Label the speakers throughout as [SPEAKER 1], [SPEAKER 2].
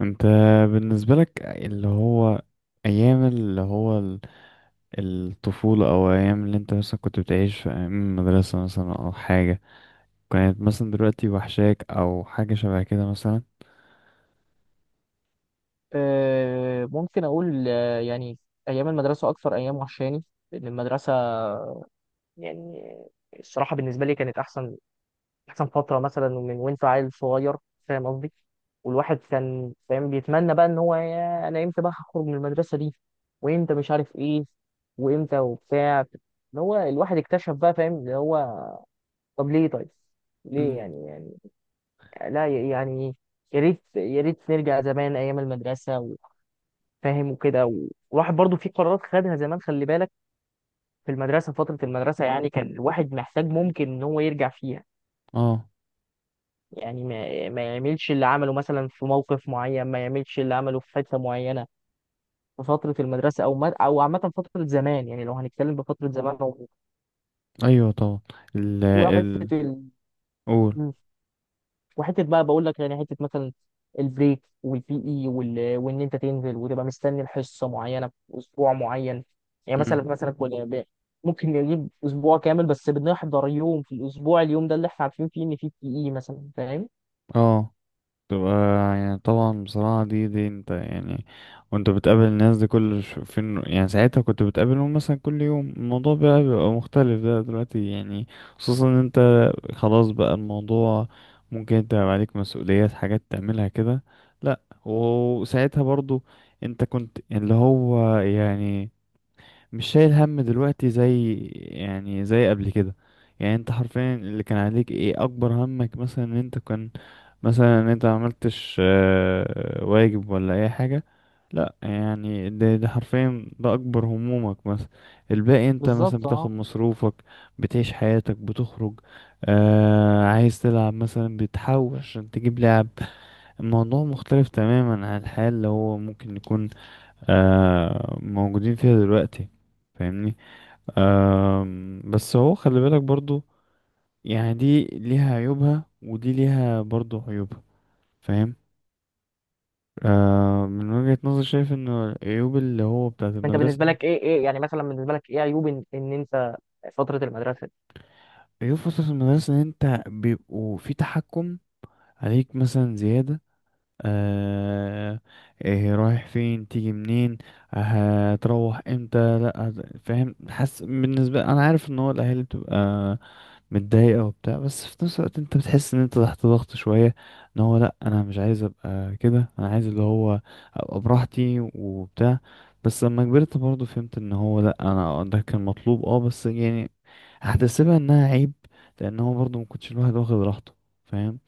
[SPEAKER 1] انت بالنسبة لك اللي هو ايام اللي هو ال- الطفولة او ايام اللي انت مثلا كنت بتعيش في ايام المدرسة مثلا او حاجة كانت مثلا دلوقتي وحشاك او حاجة شبه كده مثلا؟
[SPEAKER 2] ممكن أقول يعني أيام المدرسة أكثر أيام وحشاني، لأن المدرسة، يعني الصراحة بالنسبة لي كانت أحسن فترة، مثلا من وأنت عيل صغير، فاهم قصدي؟ والواحد كان فاهم، بيتمنى بقى إن هو، يا أنا إمتى بقى هخرج من المدرسة دي، وإمتى مش عارف إيه، وإمتى وبتاع، إن هو الواحد اكتشف بقى، فاهم اللي هو طب ليه؟ طيب ليه؟
[SPEAKER 1] امم
[SPEAKER 2] يعني لا، يعني يا ريت يا ريت نرجع زمان أيام المدرسة، فاهم وكده والواحد برضو في قرارات خدها زمان، خلي بالك، في المدرسة، فترة المدرسة يعني كان الواحد محتاج ممكن ان هو يرجع فيها،
[SPEAKER 1] اه،
[SPEAKER 2] يعني ما يعملش اللي عمله مثلا في موقف معين، ما يعملش اللي عمله في حتة معينة في فترة المدرسة، او ما او عامة فترة زمان، يعني لو هنتكلم بفترة زمان
[SPEAKER 1] ايوه طبعا. ال
[SPEAKER 2] وفترة،
[SPEAKER 1] قول.
[SPEAKER 2] وحته بقى، بقول لك يعني حته مثلا البريك والبي اي وان انت تنزل وتبقى مستني الحصه معينه في اسبوع معين، يعني مثلا
[SPEAKER 1] امم.
[SPEAKER 2] مثلا ممكن نجيب اسبوع كامل بس بنحضر يوم في الاسبوع، اليوم ده اللي احنا عارفين فيه ان فيه بي اي مثلا، فاهم؟
[SPEAKER 1] اه، تبقى يعني طبعا بصراحة دي انت يعني وانت بتقابل الناس دي كل ش- فين، يعني ساعتها كنت بتقابلهم مثلا كل يوم، الموضوع بقى بيبقى مختلف ده دلوقتي يعني. خصوصا ان انت خلاص بقى الموضوع ممكن انت يبقى عليك مسؤوليات، حاجات تعملها كده. لا، وساعتها برضو انت كنت اللي هو يعني مش شايل هم دلوقتي زي يعني زي قبل كده. يعني انت حرفيا اللي كان عليك ايه، اكبر همك مثلا ان انت كان مثلا ان انت ما عملتش واجب ولا اي حاجة. لا يعني ده حرفيا ده اكبر همومك مثلا. الباقي انت مثلا
[SPEAKER 2] بالظبط
[SPEAKER 1] بتاخد
[SPEAKER 2] اه.
[SPEAKER 1] مصروفك، بتعيش حياتك، بتخرج، آه عايز تلعب مثلا بتحوش عشان تجيب لعب. الموضوع مختلف تماما عن الحياة اللي هو ممكن نكون آه موجودين فيها دلوقتي. فاهمني؟ بس هو خلي بالك برضو يعني دي ليها عيوبها ودي ليها برضو عيوبها. فاهم؟ آه، من وجهة نظري شايف ان العيوب اللي هو بتاعة
[SPEAKER 2] انت
[SPEAKER 1] المدرسة،
[SPEAKER 2] بالنسبه لك ايه يعني؟ مثلا بالنسبه لك ايه عيوب ان انت فتره المدرسه دي؟
[SPEAKER 1] عيوب فترة المدرسة، ان انت بيبقوا في تحكم عليك مثلا زيادة. آه، إيه رايح فين، تيجي منين، هتروح امتى، لا هت- فاهم، حاسس بالنسبه انا عارف ان هو الاهالي بتبقى متضايقه وبتاع، بس في نفس الوقت انت بتحس ان انت تحت ضغط شويه. ان هو لا انا مش عايز ابقى كده، انا عايز اللي هو ابقى براحتي وبتاع. بس لما كبرت برضه فهمت ان هو لا انا ده كان مطلوب، اه بس يعني هحتسبها انها عيب، لان هو برضه ما كنتش الواحد واخد راحته. فاهم؟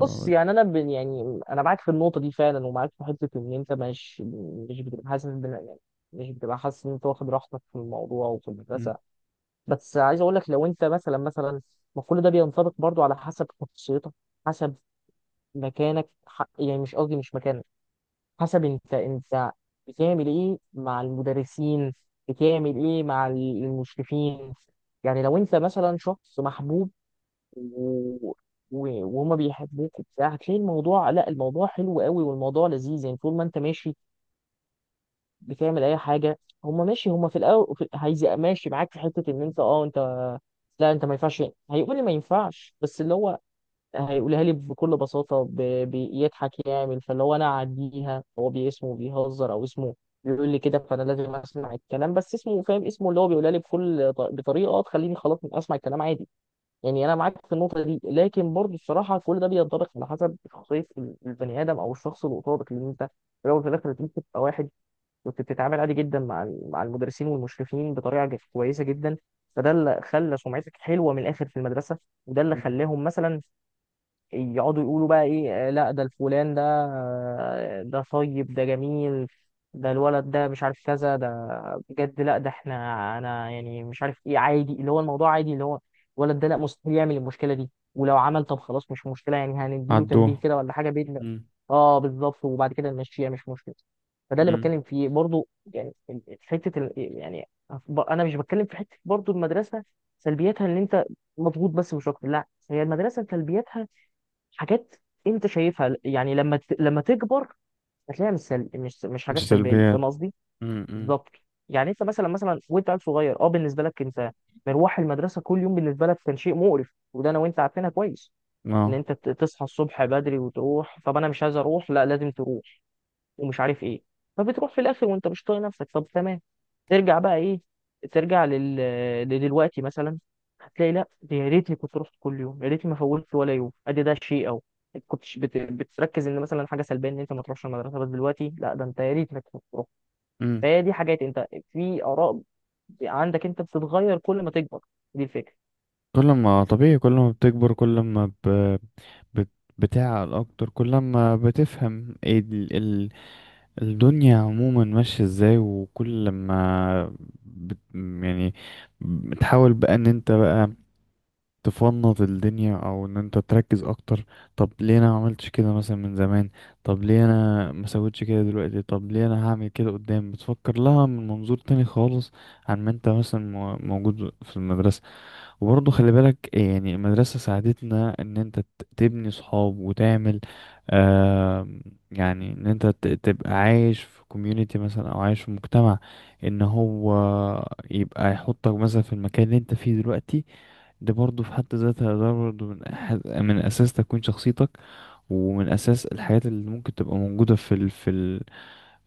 [SPEAKER 2] بص، يعني انا يعني انا معاك في النقطه دي فعلا، ومعاك في حته ان انت مش بتبقى حاسس يعني مش بتبقى حاسس ان انت واخد راحتك في الموضوع وفي المدرسه، بس عايز اقول لك، لو انت مثلا ما كل ده بينطبق برضو على حسب شخصيتك، حسب مكانك، يعني مش قصدي مش مكانك، حسب انت بتعمل ايه مع المدرسين، بتعمل ايه مع المشرفين، يعني لو انت مثلا شخص محبوب و... وهما بيحبوك وبتاع، هتلاقي الموضوع، لا الموضوع حلو قوي والموضوع لذيذ، يعني طول ما انت ماشي بتعمل اي حاجه هم ماشي، هم في الاول هيزق ماشي معاك في حته ان انت لا انت ما ينفعش، هيقول لي ما ينفعش، بس اللي هو هيقولها لي بكل بساطه بيضحك يعمل فاللي هو انا اعديها، هو باسمه بيهزر او اسمه بيقول لي كده، فانا لازم اسمع الكلام، بس اسمه فاهم، اسمه اللي هو بيقولها لي بكل بطريقه تخليني خلاص اسمع الكلام عادي. يعني انا معاك في النقطه دي، لكن برضه الصراحه كل ده بينطبق على حسب شخصيه البني ادم او الشخص اللي قصادك، لان انت في الاول وفي الاخر أنت ممكن تبقى واحد كنت بتتعامل عادي جدا مع مع المدرسين والمشرفين بطريقه كويسه جدا، فده اللي خلى سمعتك حلوه من الاخر في المدرسه، وده اللي خلاهم مثلا يقعدوا يقولوا بقى ايه، لا ده الفلان، ده ده طيب ده جميل، ده الولد ده مش عارف كذا، ده بجد لا ده احنا، انا يعني مش عارف ايه عادي، اللي هو الموضوع عادي، اللي هو الولد ده لا مستحيل يعمل المشكله دي، ولو عمل طب خلاص مش مشكله، يعني هنديله تنبيه
[SPEAKER 1] عدوه.
[SPEAKER 2] كده ولا حاجه باذن.
[SPEAKER 1] مم.
[SPEAKER 2] اه بالظبط، وبعد كده نمشيها مش مشكله، فده اللي
[SPEAKER 1] مم.
[SPEAKER 2] بتكلم فيه برضو، يعني حته يعني انا مش بتكلم في حته برضو المدرسه، سلبياتها ان انت مضغوط بس مش اكتر، لا هي المدرسه سلبياتها حاجات انت شايفها، يعني لما لما تكبر هتلاقيها مش حاجات
[SPEAKER 1] مش
[SPEAKER 2] سلبيه،
[SPEAKER 1] سلبيات.
[SPEAKER 2] فاهم قصدي؟
[SPEAKER 1] مم. مم.
[SPEAKER 2] بالظبط. يعني انت مثلا وانت عيل صغير، اه، بالنسبه لك انت مروح المدرسه كل يوم، بالنسبه لك كان شيء مقرف، وده انا وانت عارفينها كويس، ان
[SPEAKER 1] اه.
[SPEAKER 2] انت تصحى الصبح بدري وتروح، طب انا مش عايز اروح، لا لازم تروح ومش عارف ايه، فبتروح في الاخر وانت مش طايق نفسك، طب تمام، ترجع بقى ايه، ترجع لدلوقتي مثلا، هتلاقي لا دي يا ريتني كنت رحت كل يوم، يا ريتني ما فوتت ولا يوم، ادي ده شيء او كنتش بتركز ان مثلا حاجه سلبيه ان انت ما تروحش المدرسه، بس دلوقتي لا ده انت يا ريتك كنت رحت.
[SPEAKER 1] مم.
[SPEAKER 2] فهي دي حاجات انت في اراء عندك انت بتتغير كل ما تكبر، دي الفكره.
[SPEAKER 1] كل ما طبيعي، كل ما بتكبر، كل ما ب... بت... بتعقل اكتر، كل ما بتفهم إيه ال... الدنيا عموما ماشية ازاي، وكل ما بت... يعني بتحاول بقى ان انت بقى تفنط الدنيا او ان انت تركز اكتر. طب ليه انا ما عملتش كده مثلا من زمان؟ طب ليه انا ما سويتش كده دلوقتي؟ طب ليه انا هعمل كده قدام؟ بتفكر لها من منظور تاني خالص عن ما انت مثلا مو- موجود في المدرسة. وبرضه خلي بالك يعني المدرسة ساعدتنا إن أنت ت- تبني صحاب وتعمل آه، يعني إن أنت ت- تبقى عايش في كوميونيتي مثلا أو عايش في مجتمع، إن هو يبقى يحطك مثلا في المكان اللي أنت فيه دلوقتي. ده برضه في حد ذاتها ده برضه من أحد من أساس تكوين شخصيتك، ومن أساس الحاجات اللي ممكن تبقى موجودة في ال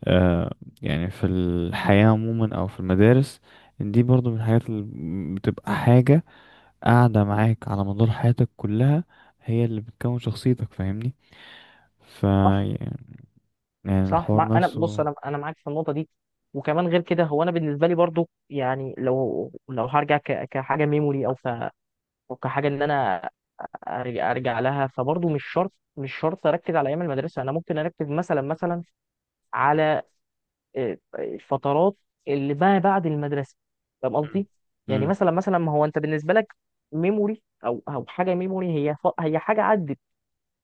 [SPEAKER 1] آه، يعني في الحياة عموما أو في المدارس. إن دي برضه من الحاجات اللي بتبقى حاجة قاعدة معاك على مدار حياتك كلها، هي اللي بتكون شخصيتك. فاهمني؟ ف
[SPEAKER 2] صح
[SPEAKER 1] يعني
[SPEAKER 2] صح
[SPEAKER 1] الحوار
[SPEAKER 2] انا بص،
[SPEAKER 1] نفسه.
[SPEAKER 2] انا معاك في النقطه دي، وكمان غير كده هو انا بالنسبه لي برضو، يعني لو هرجع كحاجه ميموري، او أو كحاجه ان انا أرجع لها، فبرضو مش شرط مش شرط اركز على ايام المدرسه، انا ممكن اركز مثلا على الفترات اللي ما بعد المدرسه، فاهم
[SPEAKER 1] مم.
[SPEAKER 2] قصدي؟ يعني
[SPEAKER 1] مم.
[SPEAKER 2] مثلا ما هو انت بالنسبه لك ميموري او حاجه ميموري، هي هي حاجه عدت،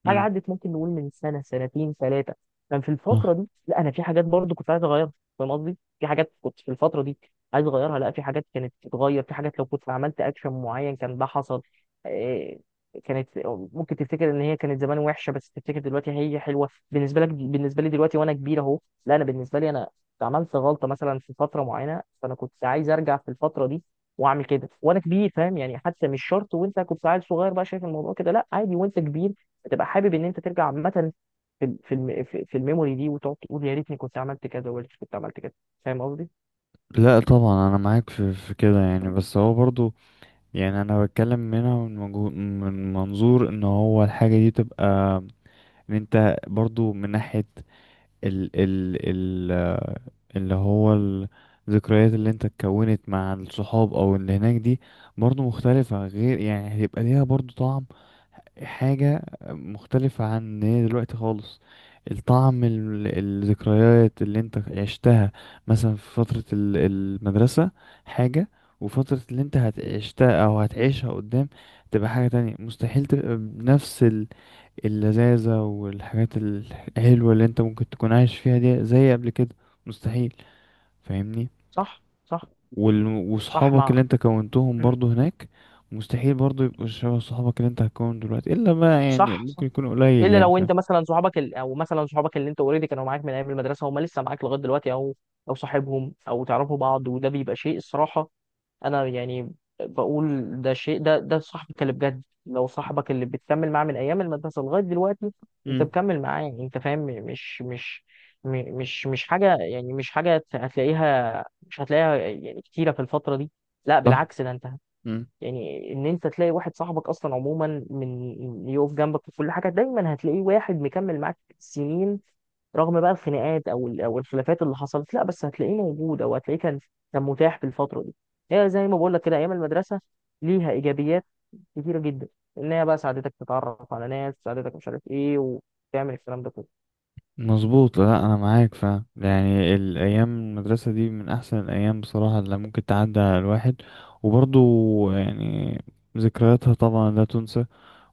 [SPEAKER 2] حاجه
[SPEAKER 1] مم.
[SPEAKER 2] عدت ممكن نقول من سنه سنتين ثلاثه، كان في
[SPEAKER 1] آه.
[SPEAKER 2] الفتره دي لا انا في حاجات برضو كنت عايز اغيرها، فاهم قصدي؟ في حاجات كنت في الفتره دي عايز اغيرها، لا في حاجات كانت تتغير، في حاجات لو كنت عملت اكشن معين كان ده حصل، آه، كانت ممكن تفتكر ان هي كانت زمان وحشه، بس تفتكر دلوقتي هي حلوه بالنسبه لك، بالنسبه لي دلوقتي وانا كبير اهو، لا انا بالنسبه لي انا عملت غلطه مثلا في فتره معينه، فانا كنت عايز ارجع في الفتره دي واعمل كده وانا كبير، فاهم يعني؟ حتى مش شرط وانت كنت عيل صغير بقى شايف الموضوع كده، لا عادي وانت كبير هتبقى حابب ان انت ترجع عامه في في الميموري دي، وتقعد تقول يا ريتني كنت عملت كذا، ويا ريتني كنت عملت كذا، فاهم قصدي؟
[SPEAKER 1] لا طبعا انا معاك في كده يعني، بس هو برضو يعني انا بتكلم منها من، مجو... من منظور ان هو الحاجة دي تبقى ان انت برضو من ناحية ال آه، اللي هو الذكريات اللي انت اتكونت مع الصحاب او اللي هناك دي برضو مختلفة. غير يعني هيبقى ليها برضو طعم، حاجة مختلفة عن هي دلوقتي خالص. الطعم ال- الذكريات اللي انت عشتها مثلا في فترة ال- المدرسة حاجة، وفترة اللي انت هتعشتها او هتعيشها قدام تبقى حاجة تانية، مستحيل تبقى بنفس ال- اللذاذة والحاجات الحلوة اللي انت ممكن تكون عايش فيها دي زي قبل كده، مستحيل. فاهمني؟
[SPEAKER 2] صح صح
[SPEAKER 1] وال-
[SPEAKER 2] صح
[SPEAKER 1] وصحابك اللي انت كونتهم
[SPEAKER 2] مم.
[SPEAKER 1] برضو هناك مستحيل برضو يبقوا شبه صحابك اللي انت هتكون دلوقتي، الا بقى يعني
[SPEAKER 2] صح صح.
[SPEAKER 1] ممكن يكون قليل
[SPEAKER 2] الا
[SPEAKER 1] يعني.
[SPEAKER 2] لو
[SPEAKER 1] فاهم؟
[SPEAKER 2] انت مثلا صحابك او مثلا صحابك اللي انت اوريدي كانوا معاك من ايام المدرسه، هم لسه معاك لغايه دلوقتي، او صاحبهم او تعرفوا بعض، وده بيبقى شيء الصراحه، انا يعني بقول ده شيء، ده صاحبك اللي بجد لو صاحبك اللي بتكمل معاه من ايام المدرسه لغايه دلوقتي، انت
[SPEAKER 1] امم.
[SPEAKER 2] مكمل معاه، انت فاهم مش حاجه، يعني مش حاجه هتلاقيها، مش هتلاقيها يعني كتيره في الفتره دي، لا
[SPEAKER 1] صح.
[SPEAKER 2] بالعكس ده انت،
[SPEAKER 1] امم.
[SPEAKER 2] يعني ان انت تلاقي واحد صاحبك اصلا عموما من يقف جنبك في كل حاجه دايما، هتلاقيه واحد مكمل معاك سنين رغم بقى الخناقات او او الخلافات اللي حصلت، لا بس هتلاقيه موجود، او هتلاقيه كان متاح في الفتره دي. هي زي ما بقول لك كده، ايام المدرسه ليها ايجابيات كتيره جدا، ان هي بقى ساعدتك تتعرف على ناس، ساعدتك مش عارف ايه، وتعمل الكلام ده كله.
[SPEAKER 1] مظبوط، لا انا معاك فاهم يعني الايام المدرسه دي من احسن الايام بصراحه اللي ممكن تعدي على الواحد. وبرضو يعني ذكرياتها طبعا لا تنسى،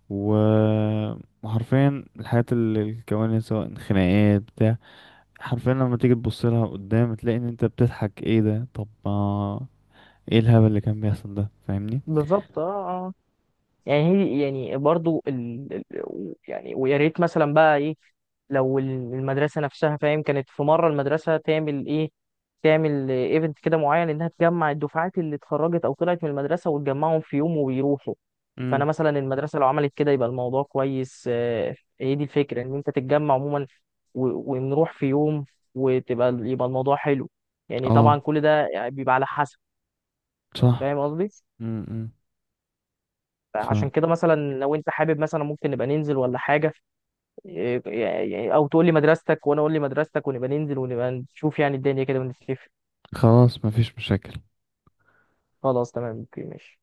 [SPEAKER 1] و- وحرفيا الحاجات اللي الكوانيس سواء خناقات بتاع، حرفيا لما تيجي تبص لها قدام تلاقي ان انت بتضحك، ايه ده؟ طب ما ايه الهبل اللي كان بيحصل ده؟ فاهمني؟
[SPEAKER 2] بالظبط اه. يعني هي يعني برضو يعني، ويا ريت مثلا بقى ايه، لو المدرسه نفسها فاهم كانت في مره المدرسه تعمل ايه، تعمل ايفنت كده معين انها تجمع الدفعات اللي اتخرجت او طلعت من المدرسه وتجمعهم في يوم ويروحوا، فانا
[SPEAKER 1] امم.
[SPEAKER 2] مثلا المدرسه لو عملت كده يبقى الموضوع كويس هي دي الفكره ان انت تتجمع عموما ونروح في يوم يبقى الموضوع حلو، يعني طبعا
[SPEAKER 1] اه
[SPEAKER 2] كل ده يعني بيبقى على حسب،
[SPEAKER 1] صح.
[SPEAKER 2] فاهم قصدي؟
[SPEAKER 1] امم. ف
[SPEAKER 2] عشان كده مثلا لو انت حابب مثلا ممكن نبقى ننزل ولا حاجه، او تقول لي مدرستك وانا اقول لي مدرستك ونبقى ننزل ونبقى نشوف يعني الدنيا كده ونتفق،
[SPEAKER 1] خلاص مفيش مشاكل.
[SPEAKER 2] خلاص تمام اوكي ماشي.